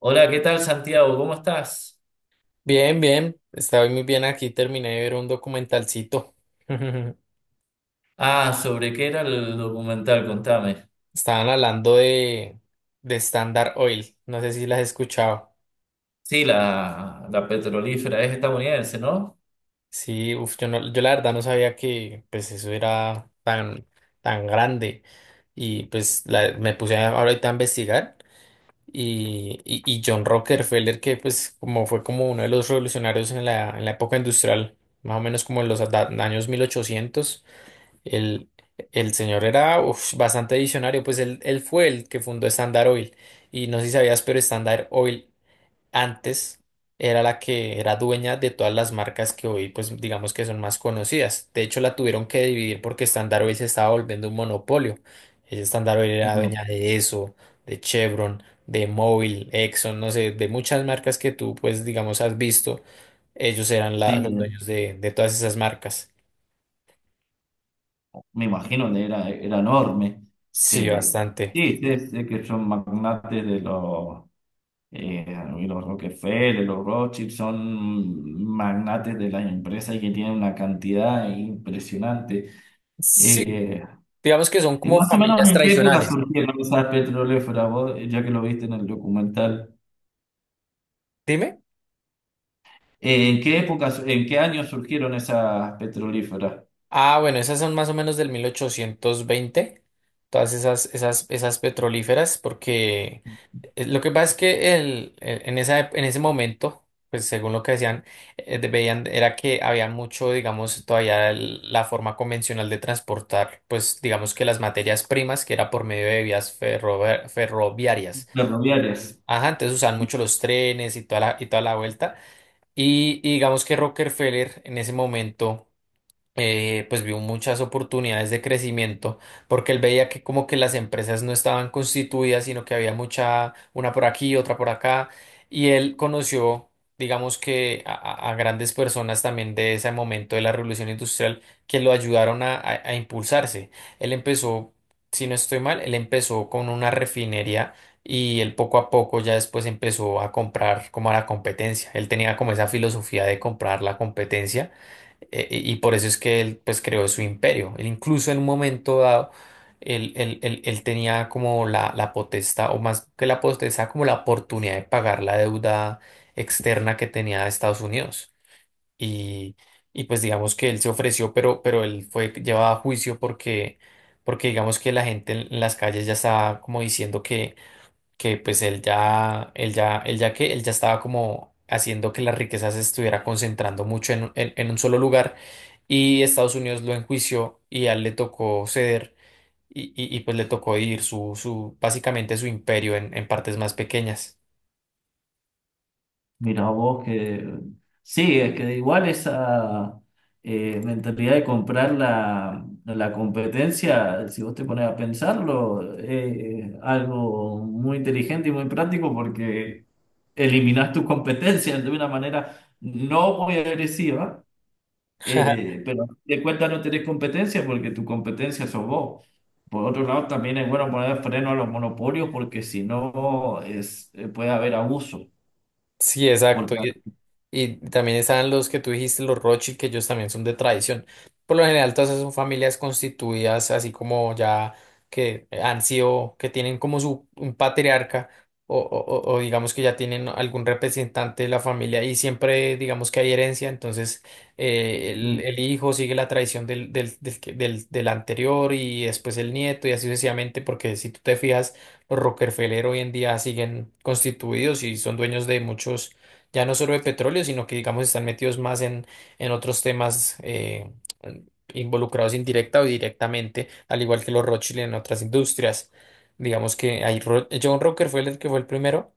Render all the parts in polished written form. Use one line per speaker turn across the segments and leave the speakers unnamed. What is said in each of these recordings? Hola, ¿qué tal, Santiago? ¿Cómo estás?
Bien, bien, estoy muy bien aquí, terminé de ver un documentalcito.
Ah, ¿sobre qué era el documental? Contame.
Estaban hablando de Standard Oil, no sé si las has escuchado.
Sí, la petrolífera es estadounidense, ¿no?
Sí, uf, yo la verdad no sabía que pues eso era tan grande. Y pues ahorita a investigar. Y John Rockefeller, que pues como fue como uno de los revolucionarios en en la época industrial, más o menos como en los años 1800. El, el señor era uf, bastante visionario, pues él fue el que fundó Standard Oil. Y no sé si sabías, pero Standard Oil antes era la que era dueña de todas las marcas que hoy, pues digamos que son más conocidas. De hecho, la tuvieron que dividir porque Standard Oil se estaba volviendo un monopolio. Ella, Standard Oil era
Bueno,
dueña de eso, de Chevron, de Mobil, Exxon, no sé, de muchas marcas que tú, pues digamos, has visto. Ellos eran
sí,
los dueños de todas esas marcas.
me imagino que era, era enorme.
Sí,
Eh,
bastante.
sí, sé que son magnates de eh, los Rockefeller, los Rothschild, son magnates de las empresas y que tienen una cantidad impresionante.
Sí,
Eh,
digamos que son
y
como
más o menos
familias
en qué época
tradicionales.
surgieron esas petrolíferas, vos, ya que lo viste en el documental.
Dime.
¿En qué épocas, en qué años surgieron esas petrolíferas
Ah, bueno, esas son más o menos del 1820 todas esas petrolíferas, porque lo que pasa es que en en ese momento, pues según lo que decían, veían, era que había mucho, digamos, todavía la forma convencional de transportar, pues digamos que las materias primas, que era por medio de vías ferroviarias.
ferroviarias?
Ajá, entonces usaban mucho los trenes y toda la vuelta. Y digamos que Rockefeller en ese momento pues vio muchas oportunidades de crecimiento porque él veía que como que las empresas no estaban constituidas, sino que había mucha, una por aquí, otra por acá, y él conoció, digamos que a grandes personas también de ese momento de la revolución industrial que lo ayudaron a impulsarse. Él empezó, si no estoy mal, él empezó con una refinería. Y él poco a poco ya después empezó a comprar como a la competencia. Él tenía como esa filosofía de comprar la competencia y por eso es que él pues creó su imperio. Él incluso en un momento dado, él tenía como la potestad, o más que la potestad, como la oportunidad de pagar la deuda externa que tenía Estados Unidos. Y, y pues digamos que él se ofreció, pero él fue llevado a juicio porque, porque digamos que la gente en las calles ya estaba como diciendo que pues él ya estaba como haciendo que la riqueza se estuviera concentrando mucho en, en un solo lugar y Estados Unidos lo enjuició y a él le tocó ceder y pues le tocó dividir básicamente su imperio en partes más pequeñas.
Mira vos que... Sí, es que igual esa mentalidad de comprar la competencia, si vos te pones a pensarlo, es algo muy inteligente y muy práctico porque eliminás tus competencias de una manera no muy agresiva. Pero de cuenta no tenés competencia porque tu competencia sos vos. Por otro lado, también es bueno poner freno a los monopolios porque si no es, puede haber abuso.
Sí, exacto.
Porque,
Y también están los que tú dijiste, los Rothschild, que ellos también son de tradición. Por lo general, todas esas son familias constituidas, así como ya que han sido, que tienen como su un patriarca o o digamos que ya tienen algún representante de la familia y siempre digamos que hay herencia, entonces el hijo sigue la tradición del, del, del, que- del del anterior y después el nieto y así sucesivamente, porque si tú te fijas los Rockefeller hoy en día siguen constituidos y son dueños de muchos, ya no solo de petróleo, sino que digamos están metidos más en otros temas involucrados indirecta o directamente, al igual que los Rothschild en otras industrias. Digamos que hay John Rockefeller, que fue el primero.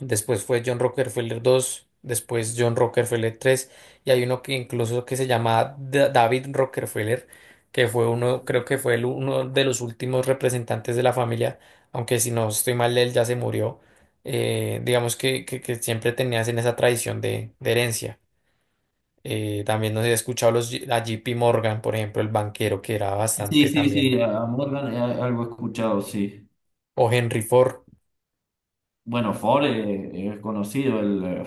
Después fue John Rockefeller dos, después John Rockefeller tres y hay uno que incluso que se llama David Rockefeller, que fue uno, creo que fue el uno de los últimos representantes de la familia, aunque si no estoy mal, él ya se murió. Digamos que siempre tenías en esa tradición de herencia. También nos he escuchado a JP Morgan, por ejemplo, el banquero, que era
sí,
bastante
sí,
también,
sí, a Morgan, algo he escuchado, sí.
o Henry Ford,
Bueno, Ford, es conocido, el,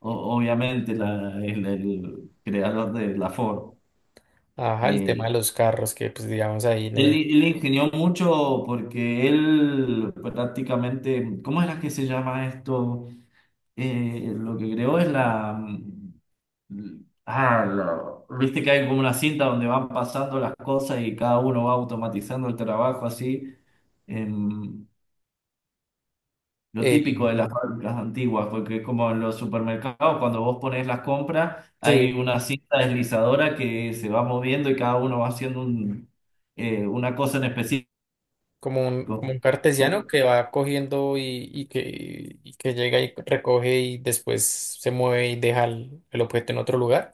obviamente el creador de la Ford.
ajá, el tema
Eh,
de los carros, que pues digamos ahí... en,
él ingenió mucho porque él prácticamente, ¿cómo era que se llama esto? Lo que creó es la... Ah, lo viste que hay como una cinta donde van pasando las cosas y cada uno va automatizando el trabajo así. em, lo
eh,
típico de las fábricas antiguas, porque es como en los supermercados, cuando vos pones las compras, hay
sí.
una cinta deslizadora que se va moviendo y cada uno va haciendo un, una cosa en específico.
Como un, como un cartesiano que va cogiendo y que llega y recoge y después se mueve y deja el objeto en otro lugar.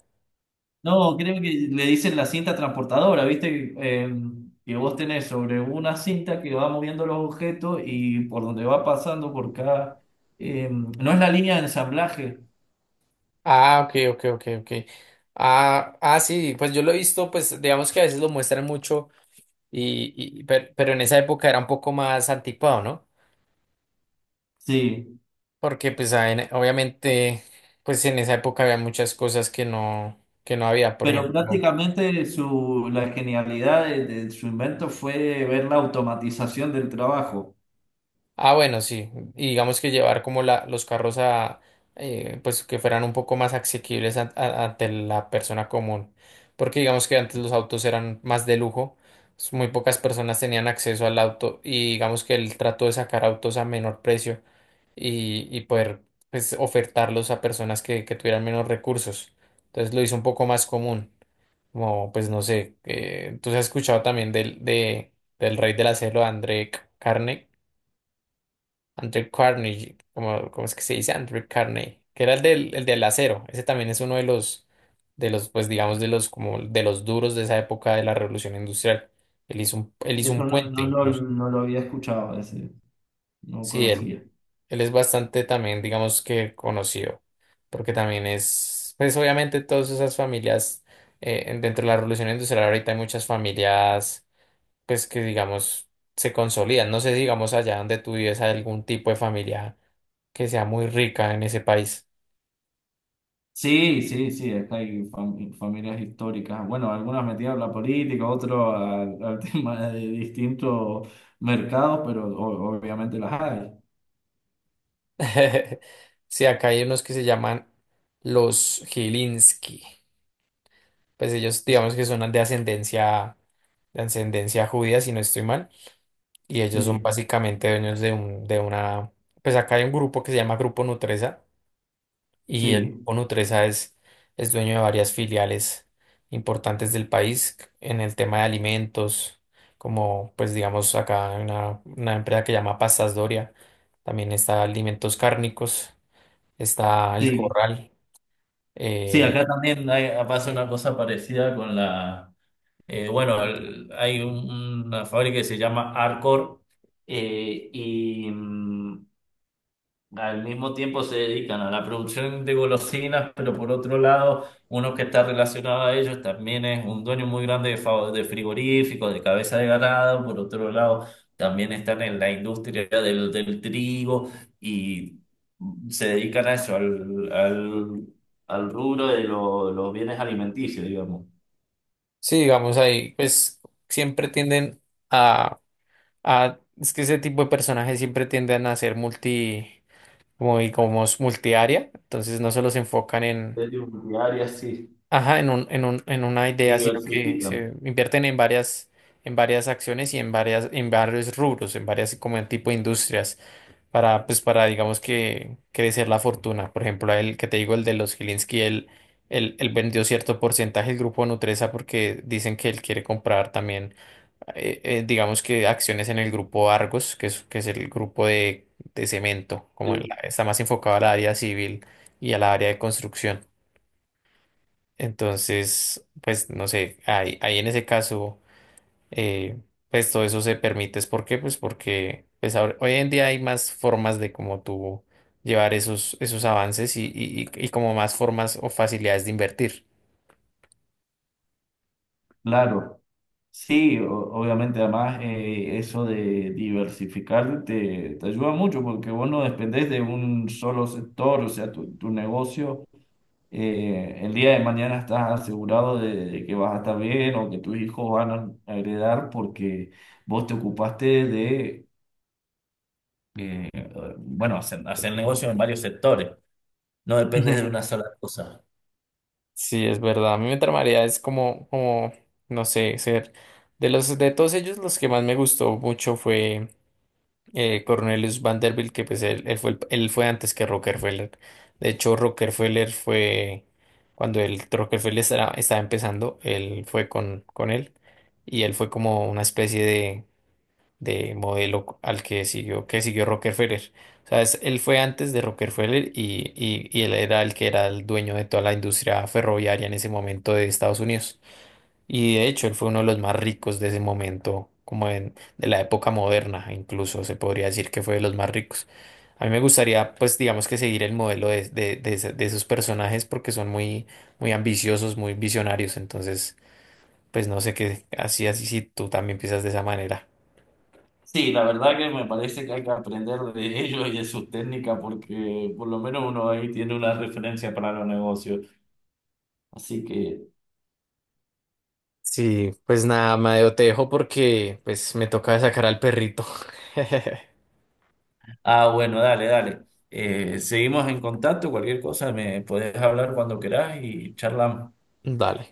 No, creo que le dicen la cinta transportadora, ¿viste? Que vos tenés sobre una cinta que va moviendo los objetos y por donde va pasando por cada... No es la línea de ensamblaje,
Ah, ok, ok, ok, ok. Ah, ah, sí, pues yo lo he visto, pues digamos que a veces lo muestran mucho, y, pero, en esa época era un poco más anticuado, ¿no?
sí,
Porque pues ah, obviamente, pues en esa época había muchas cosas que no había, por
pero
ejemplo.
prácticamente la genialidad de su invento fue ver la automatización del trabajo.
Ah, bueno, sí. Y digamos que llevar como los carros a, pues que fueran un poco más asequibles ante la persona común. Porque digamos que antes los autos eran más de lujo, muy pocas personas tenían acceso al auto y digamos que él trató de sacar autos a menor precio y poder pues, ofertarlos a personas que tuvieran menos recursos. Entonces lo hizo un poco más común. Como, pues no sé, tú has escuchado también de, del rey de la selva, André Carnegie. Andrew Carnegie, como, ¿cómo es que se dice? Andrew Carnegie, que era el del acero. Ese también es uno de de los, pues digamos, de los, como de los duros de esa época de la Revolución Industrial. Él hizo un
Eso no,
puente
no, lo
incluso.
no lo había escuchado, ese, no
Sí, él,
conocía.
él es bastante también, digamos que conocido, porque también es, pues obviamente todas esas familias, dentro de la Revolución Industrial ahorita hay muchas familias pues que digamos se consolidan. No sé, si, digamos allá donde tú vives hay algún tipo de familia que sea muy rica en ese país.
Sí, sí, sí, acá hay familias históricas. Bueno, algunas metidas a la política, otros al, al tema de distintos mercados, pero obviamente las hay.
Sí, acá hay unos que se llaman los Gilinski. Pues ellos digamos que son de ascendencia judía, si no estoy mal. Y ellos son
Sí,
básicamente dueños de una, pues acá hay un grupo que se llama Grupo Nutresa y el
sí,
Grupo Nutresa es dueño de varias filiales importantes del país en el tema de alimentos, como pues digamos acá hay una empresa que llama Pastas Doria, también está Alimentos Cárnicos, está El
sí.
Corral.
Sí,
Eh,
acá también pasa una cosa parecida con la, bueno, hay una fábrica que se llama Arcor, eh, y, mm, al mismo tiempo se dedican a la producción de golosinas, pero por otro lado, uno que está relacionado a ellos también es un dueño muy grande de, de frigoríficos, de cabeza de ganado. Por otro lado, también están en la industria del, del trigo y se dedican a eso, al, al, al rubro de los bienes alimenticios, digamos.
sí, digamos ahí, pues siempre tienden a, es que ese tipo de personajes siempre tienden a ser multi, como, y como multiárea, entonces no solo se enfocan.
Es de un área así,
Ajá, en un, en una idea, sino que
diversifican.
se invierten en varias acciones y en varias, en varios rubros, en varias como en tipo de industrias, para, pues, para, digamos que crecer la fortuna. Por ejemplo, el que te digo, el de los Gilinski, él vendió cierto porcentaje del grupo Nutresa porque dicen que él quiere comprar también, digamos que acciones en el grupo Argos, que es el grupo de cemento, como en está más enfocado al área civil y al área de construcción. Entonces, pues no sé, ahí en ese caso, eh, pues todo eso se permite. ¿Es? ¿Por qué? Pues porque pues, hoy en día hay más formas de cómo tú llevar esos, esos avances y, como más formas o facilidades de invertir.
Claro. Sí, obviamente, además eso de diversificar te, te ayuda mucho porque vos no dependés de un solo sector, o sea, tu negocio, el día de mañana estás asegurado de que vas a estar bien o que tus hijos van a heredar porque vos te ocupaste de, eh, bueno, hacer, hacer negocio en varios sectores, no dependes de una sola cosa.
Sí, es verdad. A mí me tramaría es como, como, no sé, ser de los de todos ellos los que más me gustó mucho fue Cornelius Vanderbilt, que pues él fue, él fue antes que Rockefeller. De hecho, Rockefeller fue, cuando el Rockefeller estaba, estaba empezando, él fue con él y él fue como una especie de modelo al que siguió Rockefeller. O sea, él fue antes de Rockefeller y él era el que era el dueño de toda la industria ferroviaria en ese momento de Estados Unidos. Y de hecho, él fue uno de los más ricos de ese momento, como en, de la época moderna, incluso se podría decir que fue de los más ricos. A mí me gustaría, pues, digamos que seguir el modelo de de esos personajes porque son muy, muy ambiciosos, muy visionarios. Entonces, pues, no sé qué, así, así, si tú también piensas de esa manera.
Sí, la verdad que me parece que hay que aprender de ellos y de sus técnicas porque por lo menos uno ahí tiene una referencia para los negocios. Así que,
Sí, pues nada, Madeo, te dejo porque, pues, me toca sacar al perrito.
ah, bueno, dale, dale. Seguimos en contacto, cualquier cosa me podés hablar cuando querás y charlamos.
Dale.